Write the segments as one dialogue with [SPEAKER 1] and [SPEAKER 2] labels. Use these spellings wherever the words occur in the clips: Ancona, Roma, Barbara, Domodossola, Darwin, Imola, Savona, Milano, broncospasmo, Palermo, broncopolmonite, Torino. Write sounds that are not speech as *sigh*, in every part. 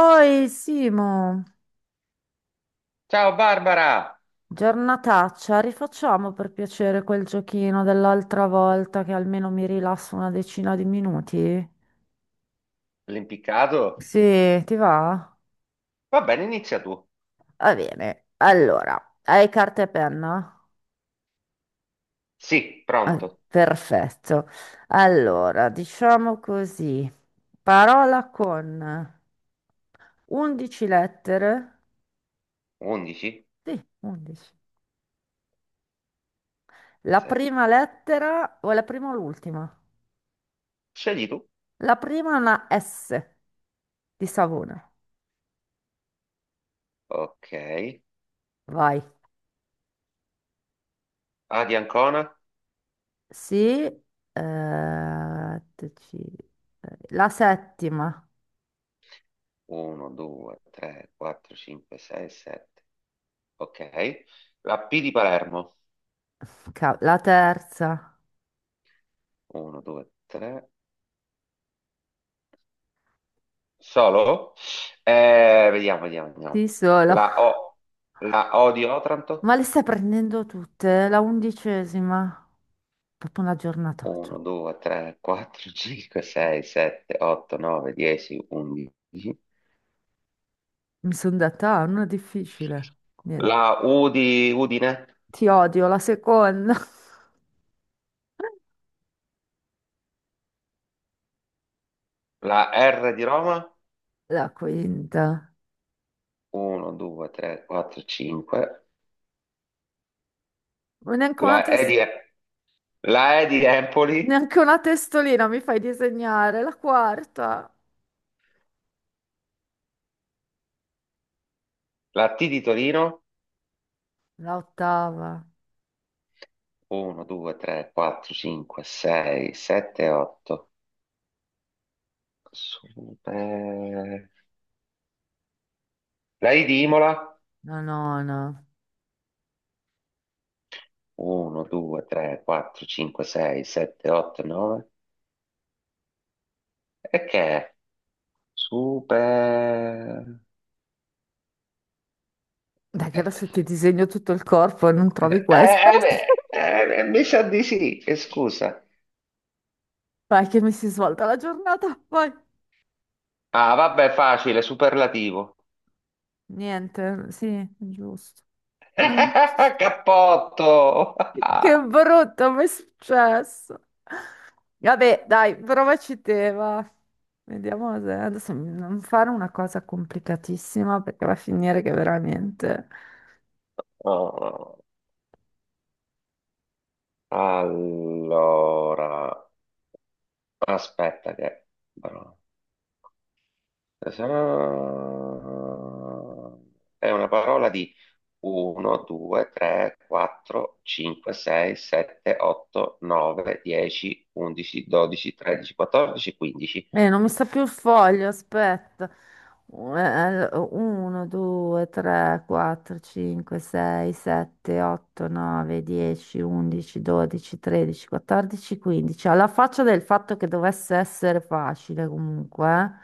[SPEAKER 1] Oi Simo,
[SPEAKER 2] Ciao Barbara,
[SPEAKER 1] giornataccia, rifacciamo per piacere quel giochino dell'altra volta che almeno mi rilasso una decina di minuti?
[SPEAKER 2] l'impiccato?
[SPEAKER 1] Sì, ti va?
[SPEAKER 2] Va bene, inizia tu.
[SPEAKER 1] Va bene. Allora, hai carta e penna?
[SPEAKER 2] Sì,
[SPEAKER 1] Ah,
[SPEAKER 2] pronto.
[SPEAKER 1] perfetto. Allora, diciamo così. Parola con 11 lettere.
[SPEAKER 2] 11?
[SPEAKER 1] Sì, 11. La
[SPEAKER 2] Sì.
[SPEAKER 1] prima lettera o la prima o l'ultima?
[SPEAKER 2] Scegli tu.
[SPEAKER 1] La prima è una S di Savona.
[SPEAKER 2] Ok.
[SPEAKER 1] Vai.
[SPEAKER 2] A di Ancona?
[SPEAKER 1] Sì, eh, attici- la settima,
[SPEAKER 2] 1, 2, 3, 4, 5, 6, 7. Ok. La P di Palermo?
[SPEAKER 1] *laughs* la terza,
[SPEAKER 2] 1, 2, 3. Solo? Vediamo, vediamo, vediamo.
[SPEAKER 1] sì solo.
[SPEAKER 2] La O. La O di Otranto?
[SPEAKER 1] Ma le stai prendendo tutte? La undicesima, proprio una giornataccia.
[SPEAKER 2] 1, 2, 3, 4, 5, 6, 7, 8, 9, 10, 11.
[SPEAKER 1] Mi sono detta, ah, non è difficile. Niente.
[SPEAKER 2] La U di Udine,
[SPEAKER 1] Ti odio, la seconda, *laughs*
[SPEAKER 2] la R di Roma,
[SPEAKER 1] la quinta.
[SPEAKER 2] 1, 2, 3, 4, 5,
[SPEAKER 1] Ma
[SPEAKER 2] la E di, la E di Empoli,
[SPEAKER 1] neanche una testolina mi fai disegnare, la quarta,
[SPEAKER 2] la T di Torino,
[SPEAKER 1] la ottava,
[SPEAKER 2] 1, 2, 3, 4, 5, 6, 7, 8, Super- la I di Imola,
[SPEAKER 1] la nona.
[SPEAKER 2] 1, 2, 3, 4, 5, 6, 7, 8, 9, e che è? Super... *laughs*
[SPEAKER 1] Dai, che adesso ti disegno tutto il corpo e non
[SPEAKER 2] Eh,
[SPEAKER 1] trovi questo.
[SPEAKER 2] eh, beh,
[SPEAKER 1] *laughs*
[SPEAKER 2] eh, mi sa di sì, e scusa.
[SPEAKER 1] Vai, che mi si svolta la giornata. Poi,
[SPEAKER 2] Ah, vabbè, facile, superlativo.
[SPEAKER 1] niente, sì, giusto.
[SPEAKER 2] *laughs*
[SPEAKER 1] *laughs*
[SPEAKER 2] Cappotto!
[SPEAKER 1] Eh. Che
[SPEAKER 2] *laughs*
[SPEAKER 1] brutto, mi è successo. Vabbè, dai, provaci te, va. Vediamo se adesso non fare una cosa complicatissima perché va a finire che veramente.
[SPEAKER 2] Oh, allora, aspetta che, però- è una parola di 1, 2, 3, 4, 5, 6, 7, 8, 9, 10, 11, 12, 13, 14, 15.
[SPEAKER 1] Non mi sta più il foglio, aspetta. 1, 2, 3, 4, 5, 6, 7, 8, 9, 10, 11, 12, 13, 14, 15. Alla faccia del fatto che dovesse essere facile comunque.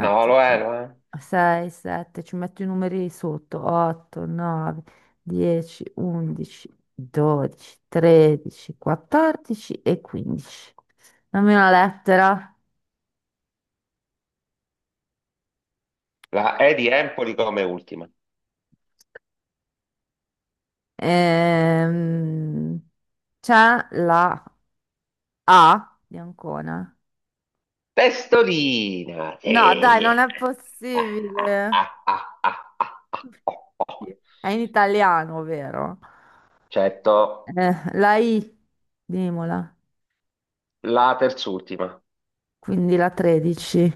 [SPEAKER 2] No, lo è, lo è.
[SPEAKER 1] 6, 7, ci metto i numeri sotto. 8, 9, 10, 11, 12, 13, 14 e 15. Dammi una lettera.
[SPEAKER 2] La E di Empoli come ultima.
[SPEAKER 1] Ehm, C'è la A di Ancona.
[SPEAKER 2] Testolina,
[SPEAKER 1] No, dai,
[SPEAKER 2] sì.
[SPEAKER 1] non è possibile. È in italiano, vero?
[SPEAKER 2] Certo,
[SPEAKER 1] La I di Imola,
[SPEAKER 2] la terz'ultima.
[SPEAKER 1] quindi la 13.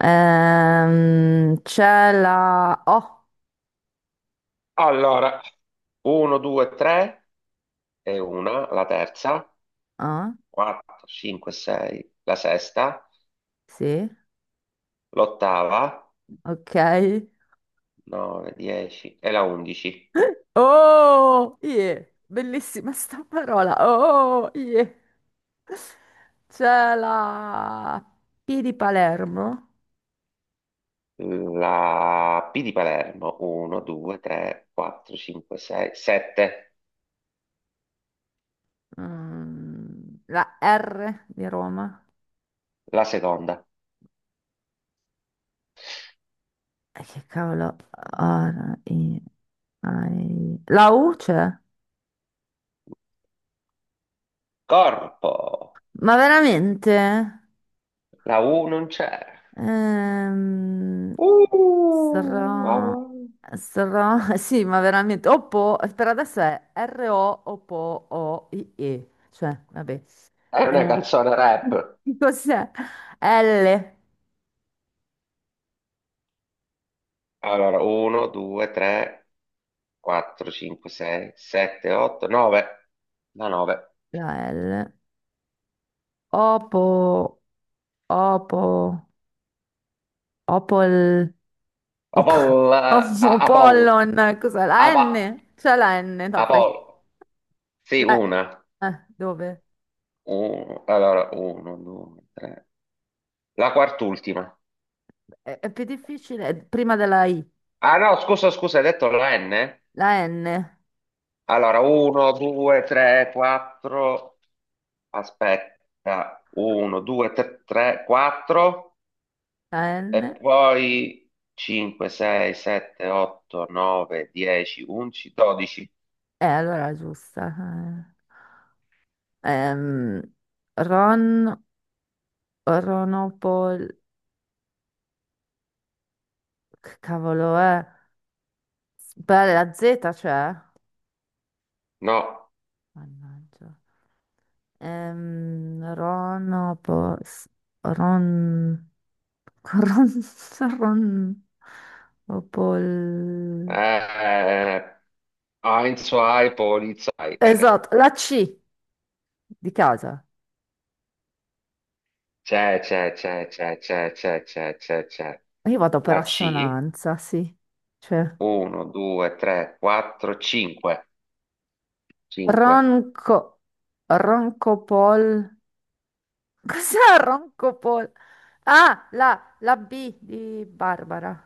[SPEAKER 1] C'è la O.
[SPEAKER 2] Allora, 1, 2, 3 e una, la terza,
[SPEAKER 1] Ah,
[SPEAKER 2] 4, 5, 6, la sesta,
[SPEAKER 1] sì,
[SPEAKER 2] l'ottava,
[SPEAKER 1] ok.
[SPEAKER 2] 9, 10 e la 11.
[SPEAKER 1] *laughs* Oh, yeah. Bellissima sta parola. Oh, yeah. C'è la P di Palermo,
[SPEAKER 2] La P di Palermo, 1, 2, 3, 4, 5, 6, 7,
[SPEAKER 1] la R di Roma.
[SPEAKER 2] la seconda.
[SPEAKER 1] E che cavolo, R, I, la U c'è?
[SPEAKER 2] Corpo,
[SPEAKER 1] Ma veramente?
[SPEAKER 2] la U non c'è.
[SPEAKER 1] Ehm,
[SPEAKER 2] Ah,
[SPEAKER 1] sra,
[SPEAKER 2] wow.
[SPEAKER 1] *laughs* sì, ma veramente. Oppo, per adesso è R-O, Oppo, O-I-E. Cioè, vabbè.
[SPEAKER 2] È una
[SPEAKER 1] Eh,
[SPEAKER 2] canzone rap.
[SPEAKER 1] *laughs* cos'è? L,
[SPEAKER 2] Allora, 1, 2, 3, 4, 5, 6, 7, 8, 9. Da 9.
[SPEAKER 1] la L. Opo, opo, opol, op,
[SPEAKER 2] Apol,
[SPEAKER 1] *laughs*
[SPEAKER 2] Apol,
[SPEAKER 1] opollon, cos'è? La N?
[SPEAKER 2] Apa-
[SPEAKER 1] C'è la N? No,
[SPEAKER 2] Apol.
[SPEAKER 1] qualche...
[SPEAKER 2] Sì,
[SPEAKER 1] La,
[SPEAKER 2] una.
[SPEAKER 1] dove?
[SPEAKER 2] Allora, 1, 2, 3. La quart'ultima.
[SPEAKER 1] È più difficile, è prima della I.
[SPEAKER 2] Ah no, scusa, scusa, hai detto la N?
[SPEAKER 1] La N,
[SPEAKER 2] Allora, 1, 2, 3, 4. Aspetta. 1, 2, 3, 4.
[SPEAKER 1] la
[SPEAKER 2] E
[SPEAKER 1] N,
[SPEAKER 2] poi 5, 6, 7, 8, 9, 10, 11, 12.
[SPEAKER 1] allora è giusta. Eh. Ehm, Ron, Ronopol, che cavolo è? Beh, la Z c'è?
[SPEAKER 2] No,
[SPEAKER 1] Mannaggia. Ronopos, Ron, Ron, *laughs* Ron, Opol.
[SPEAKER 2] eh, Heinz, Hai, Polizei.
[SPEAKER 1] Esatto, la C di casa.
[SPEAKER 2] C'è, c'è, c'è, c'è, c'è, c'è, c'è, c'è, c'è.
[SPEAKER 1] Io vado per
[SPEAKER 2] La C,
[SPEAKER 1] assonanza, sì. Cioè,
[SPEAKER 2] 1, 2, 3, 4, 5. 5.
[SPEAKER 1] Ronco, Roncopol. *laughs* Cos'è Roncopol? Ah, la B di Barbara.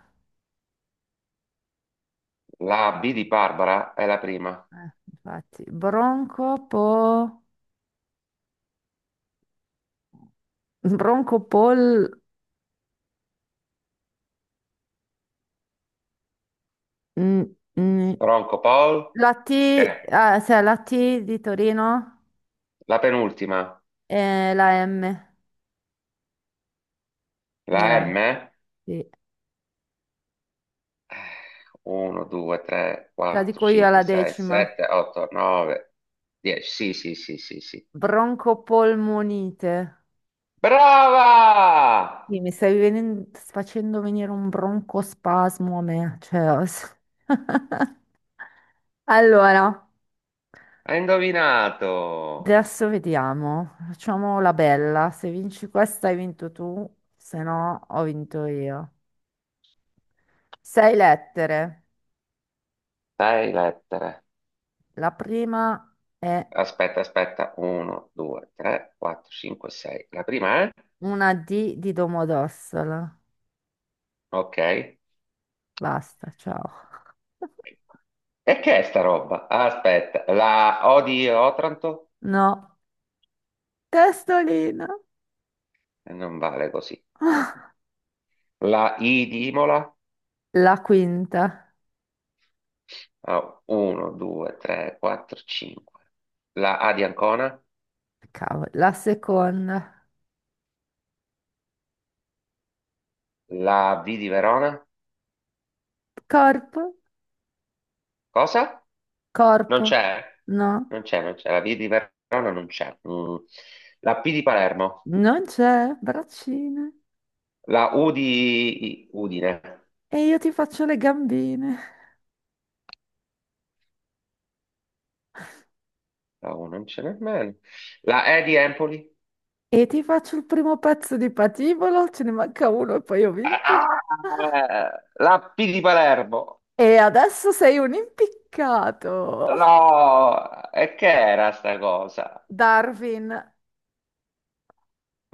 [SPEAKER 2] La B di Barbara è la prima.
[SPEAKER 1] Infatti, Broncopo, Broncopol. Mm, mm.
[SPEAKER 2] Ronco Paul,
[SPEAKER 1] La
[SPEAKER 2] che
[SPEAKER 1] T,
[SPEAKER 2] è
[SPEAKER 1] ah, cioè la T di Torino
[SPEAKER 2] la penultima.
[SPEAKER 1] e la M,
[SPEAKER 2] La
[SPEAKER 1] Milano.
[SPEAKER 2] M?
[SPEAKER 1] Sì.
[SPEAKER 2] 1, 2, 3,
[SPEAKER 1] Te la
[SPEAKER 2] 4,
[SPEAKER 1] dico io
[SPEAKER 2] 5,
[SPEAKER 1] alla
[SPEAKER 2] 6,
[SPEAKER 1] decima.
[SPEAKER 2] 7, 8, 9, 10. Sì, sì, sì, sì, sì.
[SPEAKER 1] Broncopolmonite.
[SPEAKER 2] Brava!
[SPEAKER 1] Sì, mi stai facendo venire un broncospasmo a me, cioè. *laughs* Allora,
[SPEAKER 2] Hai indovinato.
[SPEAKER 1] adesso vediamo. Facciamo la bella. Se vinci questa hai vinto tu, se no ho vinto io. Sei lettere.
[SPEAKER 2] Sei lettere.
[SPEAKER 1] La prima è
[SPEAKER 2] Aspetta, aspetta. 1, 2, 3, 4, 5, 6. La prima è?
[SPEAKER 1] una D di Domodossola.
[SPEAKER 2] Ok.
[SPEAKER 1] Basta, ciao.
[SPEAKER 2] E che è sta roba? Aspetta. La O di Otranto?
[SPEAKER 1] No, testolina.
[SPEAKER 2] Non vale così. La I di Imola?
[SPEAKER 1] La quinta.
[SPEAKER 2] 1, 2, 3, 4, 5. La A di Ancona?
[SPEAKER 1] Cavolo, la seconda.
[SPEAKER 2] La V di Verona?
[SPEAKER 1] Corpo,
[SPEAKER 2] Cosa? Non
[SPEAKER 1] corpo.
[SPEAKER 2] c'è,
[SPEAKER 1] No,
[SPEAKER 2] non c'è, non c'è. La V di Verona non c'è. Mm. La P di Palermo,
[SPEAKER 1] non c'è. Braccine.
[SPEAKER 2] la U di Udine,
[SPEAKER 1] E io ti faccio le gambine.
[SPEAKER 2] la U non c'è nemmeno. La E di Empoli,
[SPEAKER 1] E ti faccio il primo pezzo di patibolo. Ce ne manca uno e poi ho vinto.
[SPEAKER 2] ah! La P di Palermo,
[SPEAKER 1] E adesso sei un impiccato.
[SPEAKER 2] no, e che era sta cosa?
[SPEAKER 1] Darwin.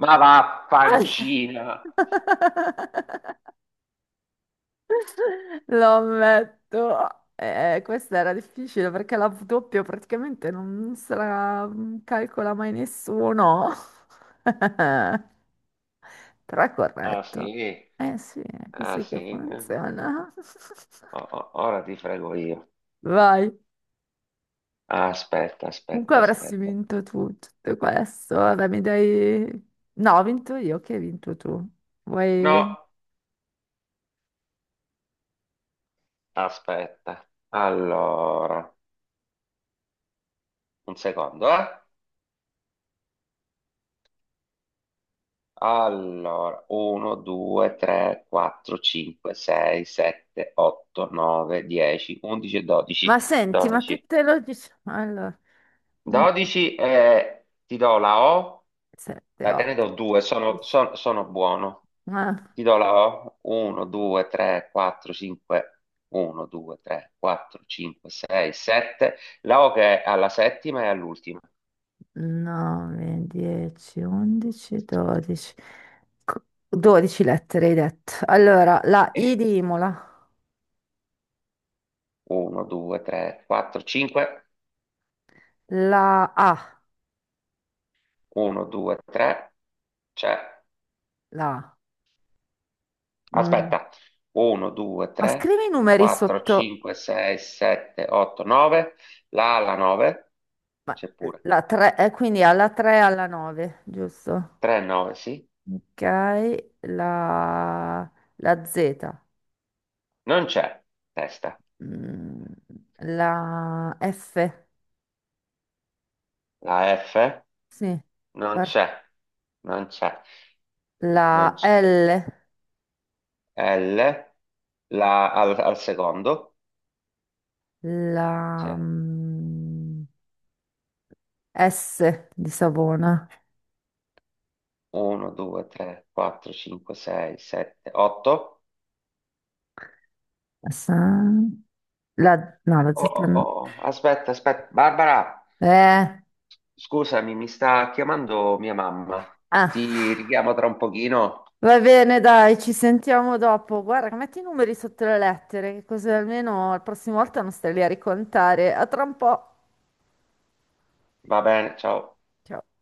[SPEAKER 2] Ma va, pancina.
[SPEAKER 1] *laughs* Lo ammetto. Questa era difficile perché la W doppio praticamente non se la calcola mai nessuno. *laughs* Però è
[SPEAKER 2] Ah
[SPEAKER 1] corretto.
[SPEAKER 2] sì,
[SPEAKER 1] Eh sì, è
[SPEAKER 2] ah
[SPEAKER 1] così che
[SPEAKER 2] sì,
[SPEAKER 1] funziona.
[SPEAKER 2] oh, oh, ora ti frego io.
[SPEAKER 1] *laughs* Vai.
[SPEAKER 2] Aspetta,
[SPEAKER 1] Comunque
[SPEAKER 2] aspetta,
[SPEAKER 1] avresti
[SPEAKER 2] aspetta.
[SPEAKER 1] vinto tu tutto questo. Vabbè, mi dai... No, ho vinto io, che hai vinto tu.
[SPEAKER 2] No.
[SPEAKER 1] Vuoi...
[SPEAKER 2] Aspetta, allora, un secondo, eh? Allora, 1, 2, 3, 4, 5, 6, 7, 8, 9, 10, 11 e 12.
[SPEAKER 1] Ma senti, ma
[SPEAKER 2] 12.
[SPEAKER 1] tutte lo dici... Allora,
[SPEAKER 2] 12 e ti do la O,
[SPEAKER 1] 7,
[SPEAKER 2] da te ne
[SPEAKER 1] 8,
[SPEAKER 2] do 2,
[SPEAKER 1] 10.
[SPEAKER 2] sono buono. Ti do la O, 1, 2, 3, 4, 5, 1, 2, 3, 4, 5, 6, 7. La O che è alla settima e all'ultima.
[SPEAKER 1] 9, 10, 11, 12. 12 lettere hai detto. Allora, la I di Imola,
[SPEAKER 2] 1, 2, 3, 4, 5.
[SPEAKER 1] la A,
[SPEAKER 2] 1, 2, 3. C'è.
[SPEAKER 1] la A. Mm.
[SPEAKER 2] Aspetta. 1, 2,
[SPEAKER 1] Ma
[SPEAKER 2] 3,
[SPEAKER 1] scrivi i numeri
[SPEAKER 2] 4,
[SPEAKER 1] sotto
[SPEAKER 2] 5, 6, 7, 8, 9. La alla 9. C'è pure.
[SPEAKER 1] la 3, quindi alla 3 alla 9, giusto?
[SPEAKER 2] 3, 9, sì.
[SPEAKER 1] Ok, la, la Z.
[SPEAKER 2] Non c'è. Testa.
[SPEAKER 1] Mm, la F,
[SPEAKER 2] La F.
[SPEAKER 1] sì,
[SPEAKER 2] Non
[SPEAKER 1] Far-
[SPEAKER 2] c'è. Non c'è. Non
[SPEAKER 1] la
[SPEAKER 2] c'è.
[SPEAKER 1] L,
[SPEAKER 2] L. Al secondo.
[SPEAKER 1] la
[SPEAKER 2] C'è.
[SPEAKER 1] S di Savona.
[SPEAKER 2] 1, 2, 3, 4, 5, 6, 7, 8.
[SPEAKER 1] S- la, no, la
[SPEAKER 2] Oh,
[SPEAKER 1] Z.
[SPEAKER 2] oh, oh, oh. Aspetta, aspetta. Barbara,
[SPEAKER 1] Eh,
[SPEAKER 2] scusami, mi sta chiamando mia mamma.
[SPEAKER 1] ah.
[SPEAKER 2] Ti richiamo tra un pochino.
[SPEAKER 1] Va bene, dai, ci sentiamo dopo. Guarda, metti i numeri sotto le lettere, così almeno la prossima volta non stai lì a ricontare. A tra un po'.
[SPEAKER 2] Va bene, ciao.
[SPEAKER 1] Ciao.